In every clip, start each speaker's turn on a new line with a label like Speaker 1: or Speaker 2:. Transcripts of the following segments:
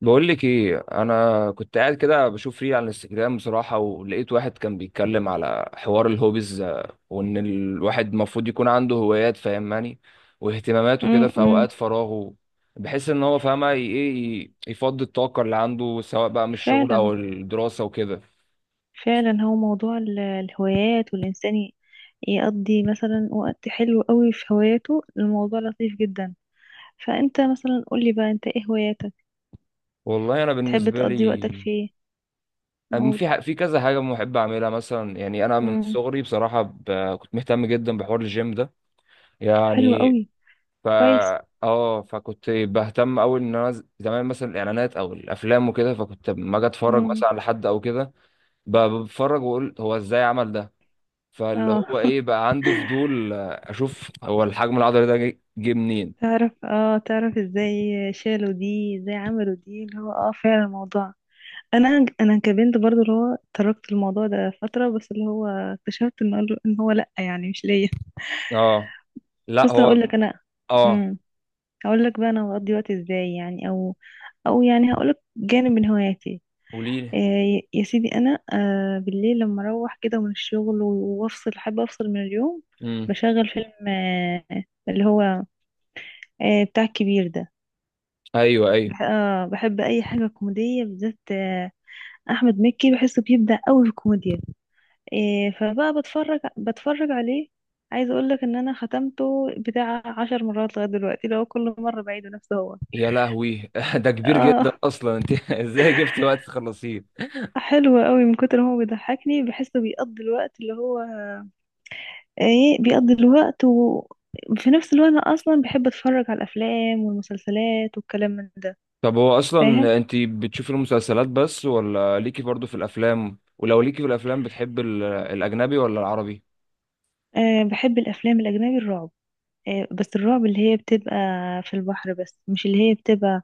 Speaker 1: بقول لك ايه، انا كنت قاعد كده بشوف ريل على الانستجرام بصراحه، ولقيت واحد كان بيتكلم على حوار الهوبيز، وان الواحد المفروض يكون عنده هوايات فاهماني، واهتماماته كده في
Speaker 2: امم.
Speaker 1: اوقات فراغه، بحيث ان هو فاهمه يفضي الطاقه اللي عنده سواء بقى من الشغل
Speaker 2: فعلا.
Speaker 1: او الدراسه وكده.
Speaker 2: فعلا، هو موضوع الهوايات والإنسان يقضي مثلا وقت حلو قوي في هواياته، الموضوع لطيف جدا. فأنت مثلا قولي بقى، أنت إيه هواياتك؟
Speaker 1: والله انا
Speaker 2: بتحب
Speaker 1: بالنسبه
Speaker 2: تقضي وقتك
Speaker 1: لي
Speaker 2: في إيه؟
Speaker 1: أم-
Speaker 2: قول.
Speaker 1: في ح- في كذا حاجه بحب اعملها مثلا. يعني انا من
Speaker 2: امم.
Speaker 1: صغري بصراحه كنت مهتم جدا بحوار الجيم ده
Speaker 2: حلو
Speaker 1: يعني.
Speaker 2: قوي.
Speaker 1: فا
Speaker 2: كويس.
Speaker 1: اه فكنت بهتم أوي إن أنا زمان مثلا الإعلانات أو الأفلام وكده، فكنت لما أجي أتفرج
Speaker 2: امم.
Speaker 1: مثلا على حد أو كده بتفرج وأقول هو إزاي عمل ده. فاللي
Speaker 2: اه.
Speaker 1: هو إيه بقى، عندي فضول أشوف هو الحجم العضلي ده جه منين.
Speaker 2: تعرف ازاي؟ شالوا دي ازاي؟ عملوا دي؟ اللي هو فعلا الموضوع. انا انا كبنت برضو اللي هو تركت الموضوع ده فترة، بس اللي هو اكتشفت ان هو إن هو لا، يعني مش ليا.
Speaker 1: اه، لا
Speaker 2: بص، هقول
Speaker 1: هو
Speaker 2: لك، انا.
Speaker 1: اه.
Speaker 2: امم هقول لك بقى انا بقضي وقت ازاي، يعني، او يعني هقول لك جانب من هواياتي.
Speaker 1: قولي.
Speaker 2: يا سيدي، انا بالليل لما اروح كده من الشغل وافصل، حابه افصل من اليوم.
Speaker 1: امم.
Speaker 2: بشغل فيلم، اللي هو بتاع الكبير ده.
Speaker 1: ايوه، ايوه.
Speaker 2: بح آه بحب اي حاجه كوميديه بالذات. احمد مكي بحسه بيبدع قوي في الكوميديا. فبقى بتفرج عليه. عايزه اقول لك ان انا ختمته بتاع 10 مرات لغايه دلوقتي، لو كل مره بعيده نفسه هو.
Speaker 1: يا لهوي، ده كبير جدا
Speaker 2: اه،
Speaker 1: اصلا، انت ازاي جبت وقت تخلصيه؟
Speaker 2: حلو قوي. من كتر ما هو بيضحكني، بحسه بيقضي الوقت اللي هو بيقضي الوقت. وفي نفس الوقت انا اصلا بحب اتفرج على الافلام والمسلسلات والكلام من ده.
Speaker 1: طب هو
Speaker 2: فاهم؟
Speaker 1: اصلا انت بتشوفي المسلسلات بس ولا ليكي برضو في الافلام؟ ولو ليكي في الافلام، بتحب الاجنبي ولا العربي؟
Speaker 2: بحب الافلام الاجنبي، الرعب. بس الرعب اللي هي بتبقى في البحر، بس مش اللي هي بتبقى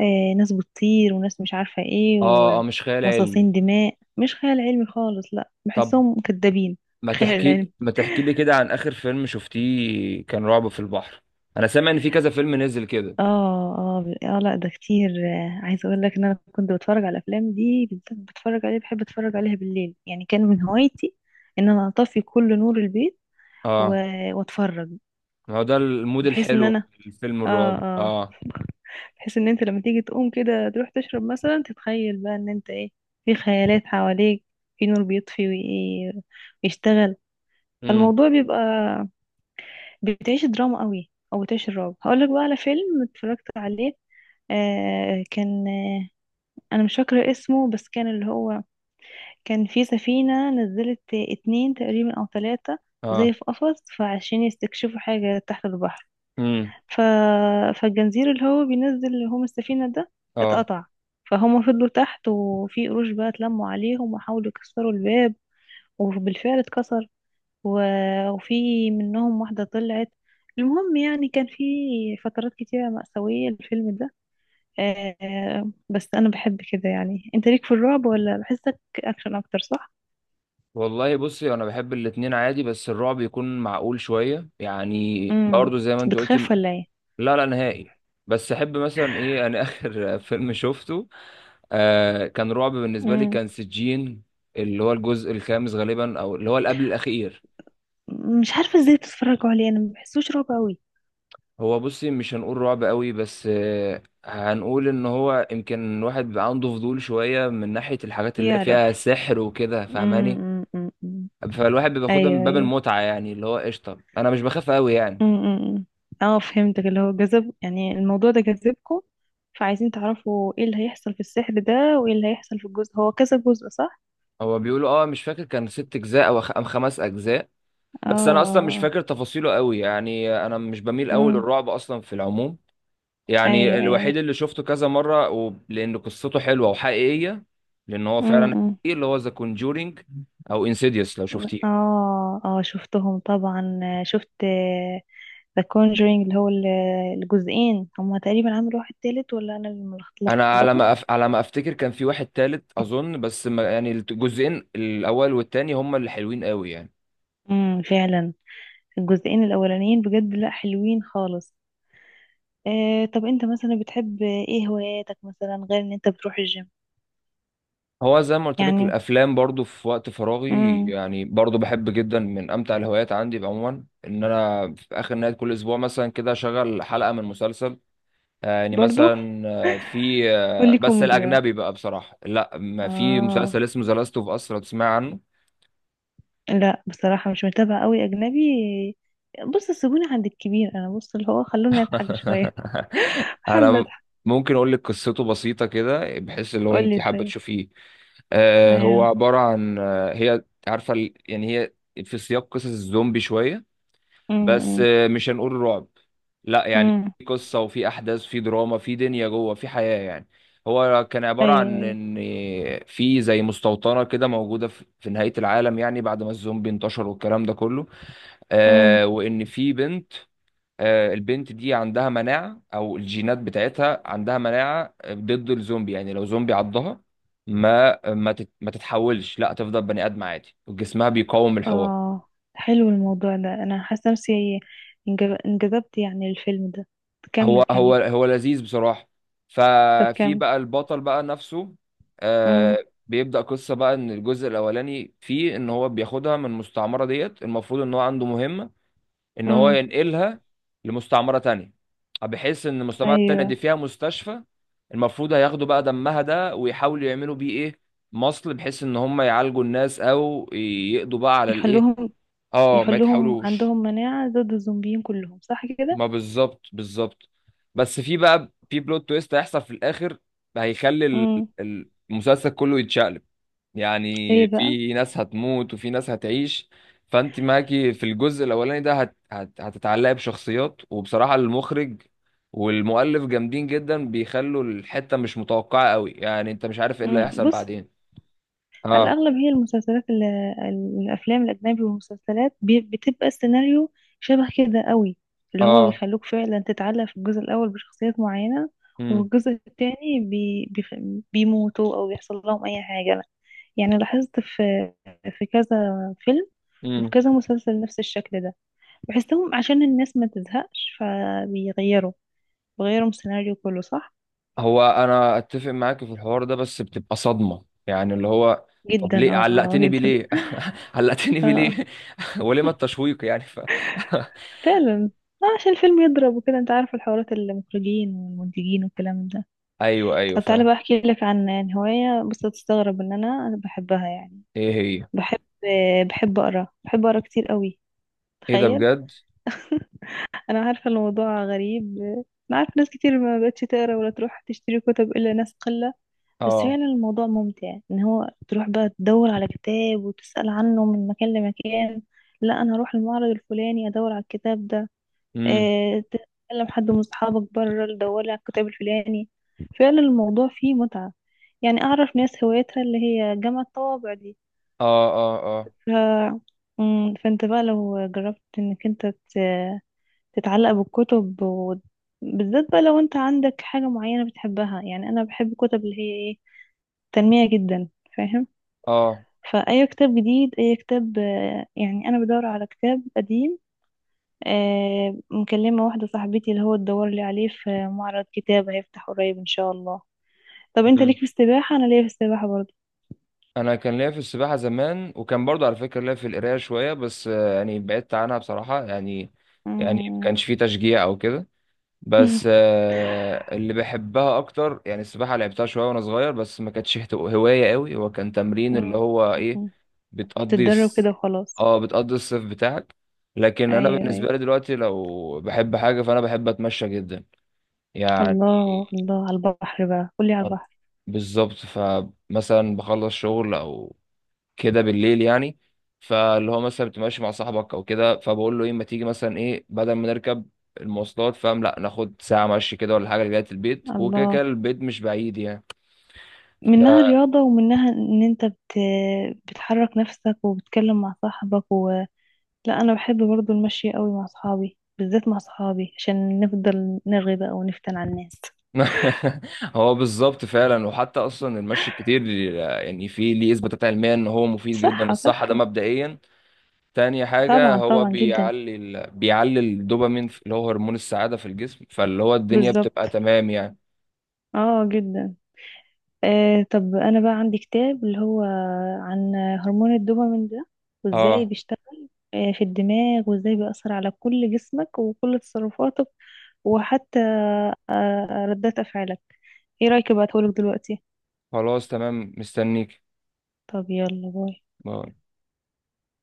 Speaker 2: ناس بتطير وناس مش عارفة ايه.
Speaker 1: اه اه، مش خيال علمي.
Speaker 2: ومصاصين دماء مش خيال علمي خالص، لا،
Speaker 1: طب
Speaker 2: بحسهم كدابين.
Speaker 1: ما
Speaker 2: خيال علمي.
Speaker 1: تحكي ما تحكي لي كده عن اخر فيلم شفتيه كان رعب في البحر. انا سامع ان في كذا فيلم نزل كده.
Speaker 2: اه، اه. لا، ده كتير. عايزه اقول لك ان انا كنت بتفرج على الافلام دي بالذات، بتفرج عليها، بحب اتفرج عليها بالليل. يعني كان من هوايتي ان انا اطفي كل نور البيت و...
Speaker 1: اه.
Speaker 2: واتفرج.
Speaker 1: ما هو ده المود
Speaker 2: بحيث ان
Speaker 1: الحلو
Speaker 2: انا
Speaker 1: في الفيلم
Speaker 2: اه
Speaker 1: الرعب،
Speaker 2: اه
Speaker 1: اه.
Speaker 2: بحيث ان انت لما تيجي تقوم كده تروح تشرب مثلا، تتخيل بقى ان انت ايه، في خيالات حواليك، في نور بيطفي ويشتغل.
Speaker 1: امم.
Speaker 2: فالموضوع بيبقى، بتعيش دراما قوي او بتعيش الرعب. هقول لك بقى على فيلم اتفرجت عليه. آه كان انا مش فاكره اسمه، بس كان اللي هو كان في سفينه نزلت اتنين تقريبا او ثلاثه،
Speaker 1: اه.
Speaker 2: زي في قفص، فعشان يستكشفوا حاجه تحت البحر.
Speaker 1: امم.
Speaker 2: ف... فالجنزير اللي هو بينزل اللي هم السفينه ده
Speaker 1: اه.
Speaker 2: اتقطع. فهم فضلوا تحت، وفي قروش بقى اتلموا عليهم، وحاولوا يكسروا الباب، وبالفعل اتكسر. و... وفي منهم واحده طلعت. المهم يعني كان في فترات كتيره مأساويه الفيلم ده. بس انا بحب كده. يعني انت ليك في الرعب ولا بحسك اكشن اكتر، صح؟
Speaker 1: والله بصي، انا بحب الاتنين عادي، بس الرعب يكون معقول شويه يعني،
Speaker 2: امم.
Speaker 1: برضه زي ما انت قلت.
Speaker 2: بتخاف ولا ايه؟
Speaker 1: لا، لا نهائي. بس احب مثلا ايه، انا اخر فيلم شفته كان رعب بالنسبه لي،
Speaker 2: امم.
Speaker 1: كان سجين، اللي هو الجزء الخامس غالبا، او اللي هو اللي قبل الاخير.
Speaker 2: مش عارفه ازاي بتتفرجوا عليه، انا ما بحسوش رعب قوي.
Speaker 1: هو بصي مش هنقول رعب قوي، بس هنقول ان هو يمكن الواحد بيبقى عنده فضول شويه من ناحيه الحاجات اللي
Speaker 2: يعرف.
Speaker 1: فيها سحر وكده فاهماني.
Speaker 2: أمم، أمم.
Speaker 1: فالواحد بياخدها من
Speaker 2: ايوه،
Speaker 1: باب
Speaker 2: ايوه.
Speaker 1: المتعه يعني، اللي هو قشطه، انا مش بخاف قوي يعني.
Speaker 2: أمم. اه، فهمتك. اللي هو جذب، يعني الموضوع ده جذبكم، فعايزين تعرفوا ايه اللي هيحصل في السحر ده، وايه اللي هيحصل في الجزء. هو كذا جزء، صح؟
Speaker 1: هو بيقولوا اه، مش فاكر، كان ست اجزاء او خ- أم خمس اجزاء. بس انا اصلا مش
Speaker 2: اه.
Speaker 1: فاكر تفاصيله قوي يعني، انا مش بميل قوي
Speaker 2: امم.
Speaker 1: للرعب اصلا في العموم. يعني
Speaker 2: ايوه، ايوه.
Speaker 1: الوحيد اللي شفته كذا مره لان قصته حلوه وحقيقيه. لان هو فعلا
Speaker 2: امم.
Speaker 1: حقيقي، اللي هو ذا كونجورينج، او انسيديوس لو شفتيه.
Speaker 2: اه، اه، شفتهم طبعا. شفت ذا كونجرينج اللي هو الجزئين هما، تقريبا عملوا واحد تالت، ولا انا اللي
Speaker 1: انا
Speaker 2: ملخبطه.
Speaker 1: على ما افتكر كان في واحد تالت اظن، بس ما... يعني الجزئين الاول والتاني هما اللي حلوين قوي يعني.
Speaker 2: امم، فعلا. الجزئين الاولانيين بجد، لا حلوين خالص. طب انت مثلا بتحب ايه هواياتك، مثلا غير ان انت بتروح الجيم؟
Speaker 1: هو زي ما قلت لك،
Speaker 2: يعني.
Speaker 1: الافلام برضو في وقت فراغي
Speaker 2: امم.
Speaker 1: يعني، برضو بحب جدا. من امتع الهوايات عندي عموما ان انا في اخر نهايه كل اسبوع مثلا كده اشغل حلقه من مسلسل. يعني
Speaker 2: برضو.
Speaker 1: مثلا، آه، في آه،
Speaker 2: قولي
Speaker 1: بس
Speaker 2: كوميدي بقى.
Speaker 1: الاجنبي بقى بصراحه، لا، ما في
Speaker 2: اه،
Speaker 1: مسلسل اسمه ذا لاست اوف اس لو تسمع عنه.
Speaker 2: لا، بصراحه مش متابعه قوي اجنبي. بص سيبوني عند الكبير، انا بص اللي هو خلوني اضحك شويه. بحب
Speaker 1: انا
Speaker 2: أضحك.
Speaker 1: ممكن اقول لك قصته بسيطه كده، بحيث لو
Speaker 2: قولي
Speaker 1: انت حابه
Speaker 2: طيب.
Speaker 1: تشوفيه. هو
Speaker 2: تمام.
Speaker 1: عباره عن، هي عارفه يعني هي في سياق قصص الزومبي شويه، بس
Speaker 2: امم.
Speaker 1: مش هنقول رعب. لا يعني،
Speaker 2: امم.
Speaker 1: في قصة وفي أحداث، في دراما، في دنيا جوه، في حياة يعني. هو كان عبارة
Speaker 2: ايوه،
Speaker 1: عن
Speaker 2: ايوه.
Speaker 1: إن في زي مستوطنة كده موجودة في نهاية العالم، يعني بعد ما الزومبي انتشر والكلام ده كله.
Speaker 2: امم.
Speaker 1: آه، وإن في بنت، آه البنت دي عندها مناعة، أو الجينات بتاعتها عندها مناعة ضد الزومبي. يعني لو زومبي عضها ما تتحولش، لا تفضل بني آدم عادي وجسمها بيقاوم الحوار.
Speaker 2: اه، حلو الموضوع ده، انا حاسه نفسي انجذبت، يعني الفيلم ده. كمل،
Speaker 1: هو
Speaker 2: كمل.
Speaker 1: هو هو لذيذ بصراحة.
Speaker 2: طب
Speaker 1: ففي
Speaker 2: كمل.
Speaker 1: بقى البطل بقى نفسه،
Speaker 2: امم.
Speaker 1: آه، بيبدأ قصة بقى. ان الجزء الاولاني فيه ان هو بياخدها من المستعمرة ديت، المفروض ان هو عنده مهمة، ان هو
Speaker 2: امم.
Speaker 1: ينقلها لمستعمرة تانية، بحيث ان المستعمرة التانية
Speaker 2: ايوه.
Speaker 1: دي فيها مستشفى، المفروض هياخدوا بقى دمها ده ويحاولوا يعملوا بيه ايه، مصل، بحيث ان هم يعالجوا الناس او يقضوا بقى على الايه.
Speaker 2: يخلوهم
Speaker 1: اه، ما
Speaker 2: يخلوهم
Speaker 1: يتحاولوش.
Speaker 2: عندهم مناعه ضد الزومبيين كلهم، صح كده؟
Speaker 1: ما بالظبط، بالظبط. بس في بقى، في بلوت تويست هيحصل في الاخر، هيخلي
Speaker 2: امم.
Speaker 1: المسلسل كله يتشقلب، يعني
Speaker 2: ايه بقى؟
Speaker 1: في ناس هتموت وفي ناس هتعيش. فانت معاكي في الجزء الاولاني ده هت هت هتتعلقي بشخصيات، وبصراحة المخرج والمؤلف جامدين جدا، بيخلوا الحتة مش متوقعة قوي، يعني انت مش عارف ايه اللي
Speaker 2: مم.
Speaker 1: هيحصل
Speaker 2: بص،
Speaker 1: بعدين.
Speaker 2: على
Speaker 1: اه،
Speaker 2: الأغلب هي المسلسلات، الأفلام الأجنبي والمسلسلات، بتبقى السيناريو شبه كده قوي. اللي هو
Speaker 1: اه.
Speaker 2: بيخلوك فعلا تتعلق في الجزء الأول بشخصيات معينة، وفي الجزء التاني بيموتوا أو بيحصل لهم أي حاجة. يعني لاحظت في كذا فيلم وفي
Speaker 1: امم.
Speaker 2: كذا مسلسل نفس الشكل ده. بحسهم عشان الناس ما تزهقش فبيغيروا السيناريو كله، صح؟
Speaker 1: هو انا اتفق معاك في الحوار ده، بس بتبقى صدمه يعني، اللي هو طب
Speaker 2: جدا،
Speaker 1: ليه علقتني بيه
Speaker 2: جدا.
Speaker 1: ليه؟ علقتني بيه ليه؟ ولما التشويق يعني
Speaker 2: فعلا. عشان الفيلم يضرب وكده انت عارف، الحوارات، المخرجين والمنتجين والكلام ده.
Speaker 1: ايوه، ايوه،
Speaker 2: طب تعالى
Speaker 1: فاهم.
Speaker 2: بقى احكي لك عن هواية، بص هتستغرب ان انا بحبها. يعني
Speaker 1: ايه هي؟
Speaker 2: بحب بحب اقرا، بحب اقرا كتير قوي.
Speaker 1: ايه ده
Speaker 2: تخيل.
Speaker 1: بجد؟
Speaker 2: انا عارفة الموضوع غريب. انا عارفة ناس كتير ما بقتش تقرا ولا تروح تشتري كتب الا ناس قلة. بس
Speaker 1: اه.
Speaker 2: فعلا الموضوع ممتع ان هو تروح بقى تدور على كتاب وتسأل عنه من مكان لمكان. لا، انا هروح المعرض الفلاني ادور على الكتاب ده.
Speaker 1: امم.
Speaker 2: تكلم حد من صحابك بره تدور على الكتاب الفلاني. فعلا الموضوع فيه متعة. يعني أعرف ناس هوايتها اللي هي جمع الطوابع دي.
Speaker 1: اه، اه، اه،
Speaker 2: ف... مم، فأنت بقى لو جربت إنك أنت تتعلق بالكتب، بالذات بقى لو أنت عندك حاجة معينة بتحبها. يعني أنا بحب الكتب اللي هي إيه، تنمية جدا. فاهم؟
Speaker 1: اه.
Speaker 2: فأي كتاب جديد، أي كتاب، يعني أنا بدور على كتاب قديم. مكلمة واحدة صاحبتي اللي هو تدور لي عليه في معرض كتاب هيفتح قريب ان شاء الله. طب انت
Speaker 1: امم.
Speaker 2: ليك في السباحة؟ انا ليا في السباحة برضه.
Speaker 1: انا كان ليا في السباحه زمان، وكان برضه على فكره ليا في القرايه شويه، بس يعني بعدت عنها بصراحه يعني. يعني ما
Speaker 2: مم.
Speaker 1: كانش في تشجيع او كده. بس اللي بحبها اكتر، يعني السباحه لعبتها شويه وانا صغير، بس ما كانتش هوايه قوي، هو كان تمرين اللي هو ايه، بتقضي
Speaker 2: تتدرب كده
Speaker 1: الس-
Speaker 2: وخلاص.
Speaker 1: اه بتقضي الصيف بتاعك. لكن انا
Speaker 2: ايوه،
Speaker 1: بالنسبه
Speaker 2: ايوه.
Speaker 1: لي دلوقتي، لو بحب حاجه فانا بحب اتمشى جدا يعني.
Speaker 2: الله الله على البحر بقى، قولي على البحر.
Speaker 1: بالظبط، فمثلا بخلص شغل او كده بالليل يعني، فاللي هو مثلا بتبقى ماشي مع صاحبك او كده، فبقول له ايه، ما تيجي مثلا ايه، بدل ما نركب المواصلات فاهم، لا ناخد ساعة مشي كده ولا حاجة لغاية البيت، وكده
Speaker 2: الله.
Speaker 1: كده البيت مش بعيد يعني.
Speaker 2: منها
Speaker 1: ف-
Speaker 2: رياضة، ومنها ان انت بتحرك نفسك، وبتتكلم مع صاحبك. لا انا بحب برضو المشي قوي مع صحابي، بالذات مع صحابي عشان نفضل نرغي بقى ونفتن على الناس.
Speaker 1: هو بالظبط فعلا. وحتى اصلا المشي الكتير، يعني في ليه اثباتات علميه ان هو مفيد جدا
Speaker 2: صحة،
Speaker 1: للصحه، ده
Speaker 2: صحة.
Speaker 1: مبدئيا. تاني حاجه،
Speaker 2: طبعا،
Speaker 1: هو
Speaker 2: طبعا، جدا.
Speaker 1: بيعلي الدوبامين اللي هو هرمون السعاده في الجسم، فاللي هو الدنيا بتبقى
Speaker 2: بالظبط.
Speaker 1: تمام يعني.
Speaker 2: اه، جدا. طب انا بقى عندي كتاب اللي هو عن هرمون الدوبامين ده، وازاي
Speaker 1: اه.
Speaker 2: بيشتغل في الدماغ، وازاي بيأثر على كل جسمك وكل تصرفاتك، وحتى ردات افعالك. ايه رأيك ابعتهولك دلوقتي؟
Speaker 1: خلاص تمام، مستنيك.
Speaker 2: طب يلا باي.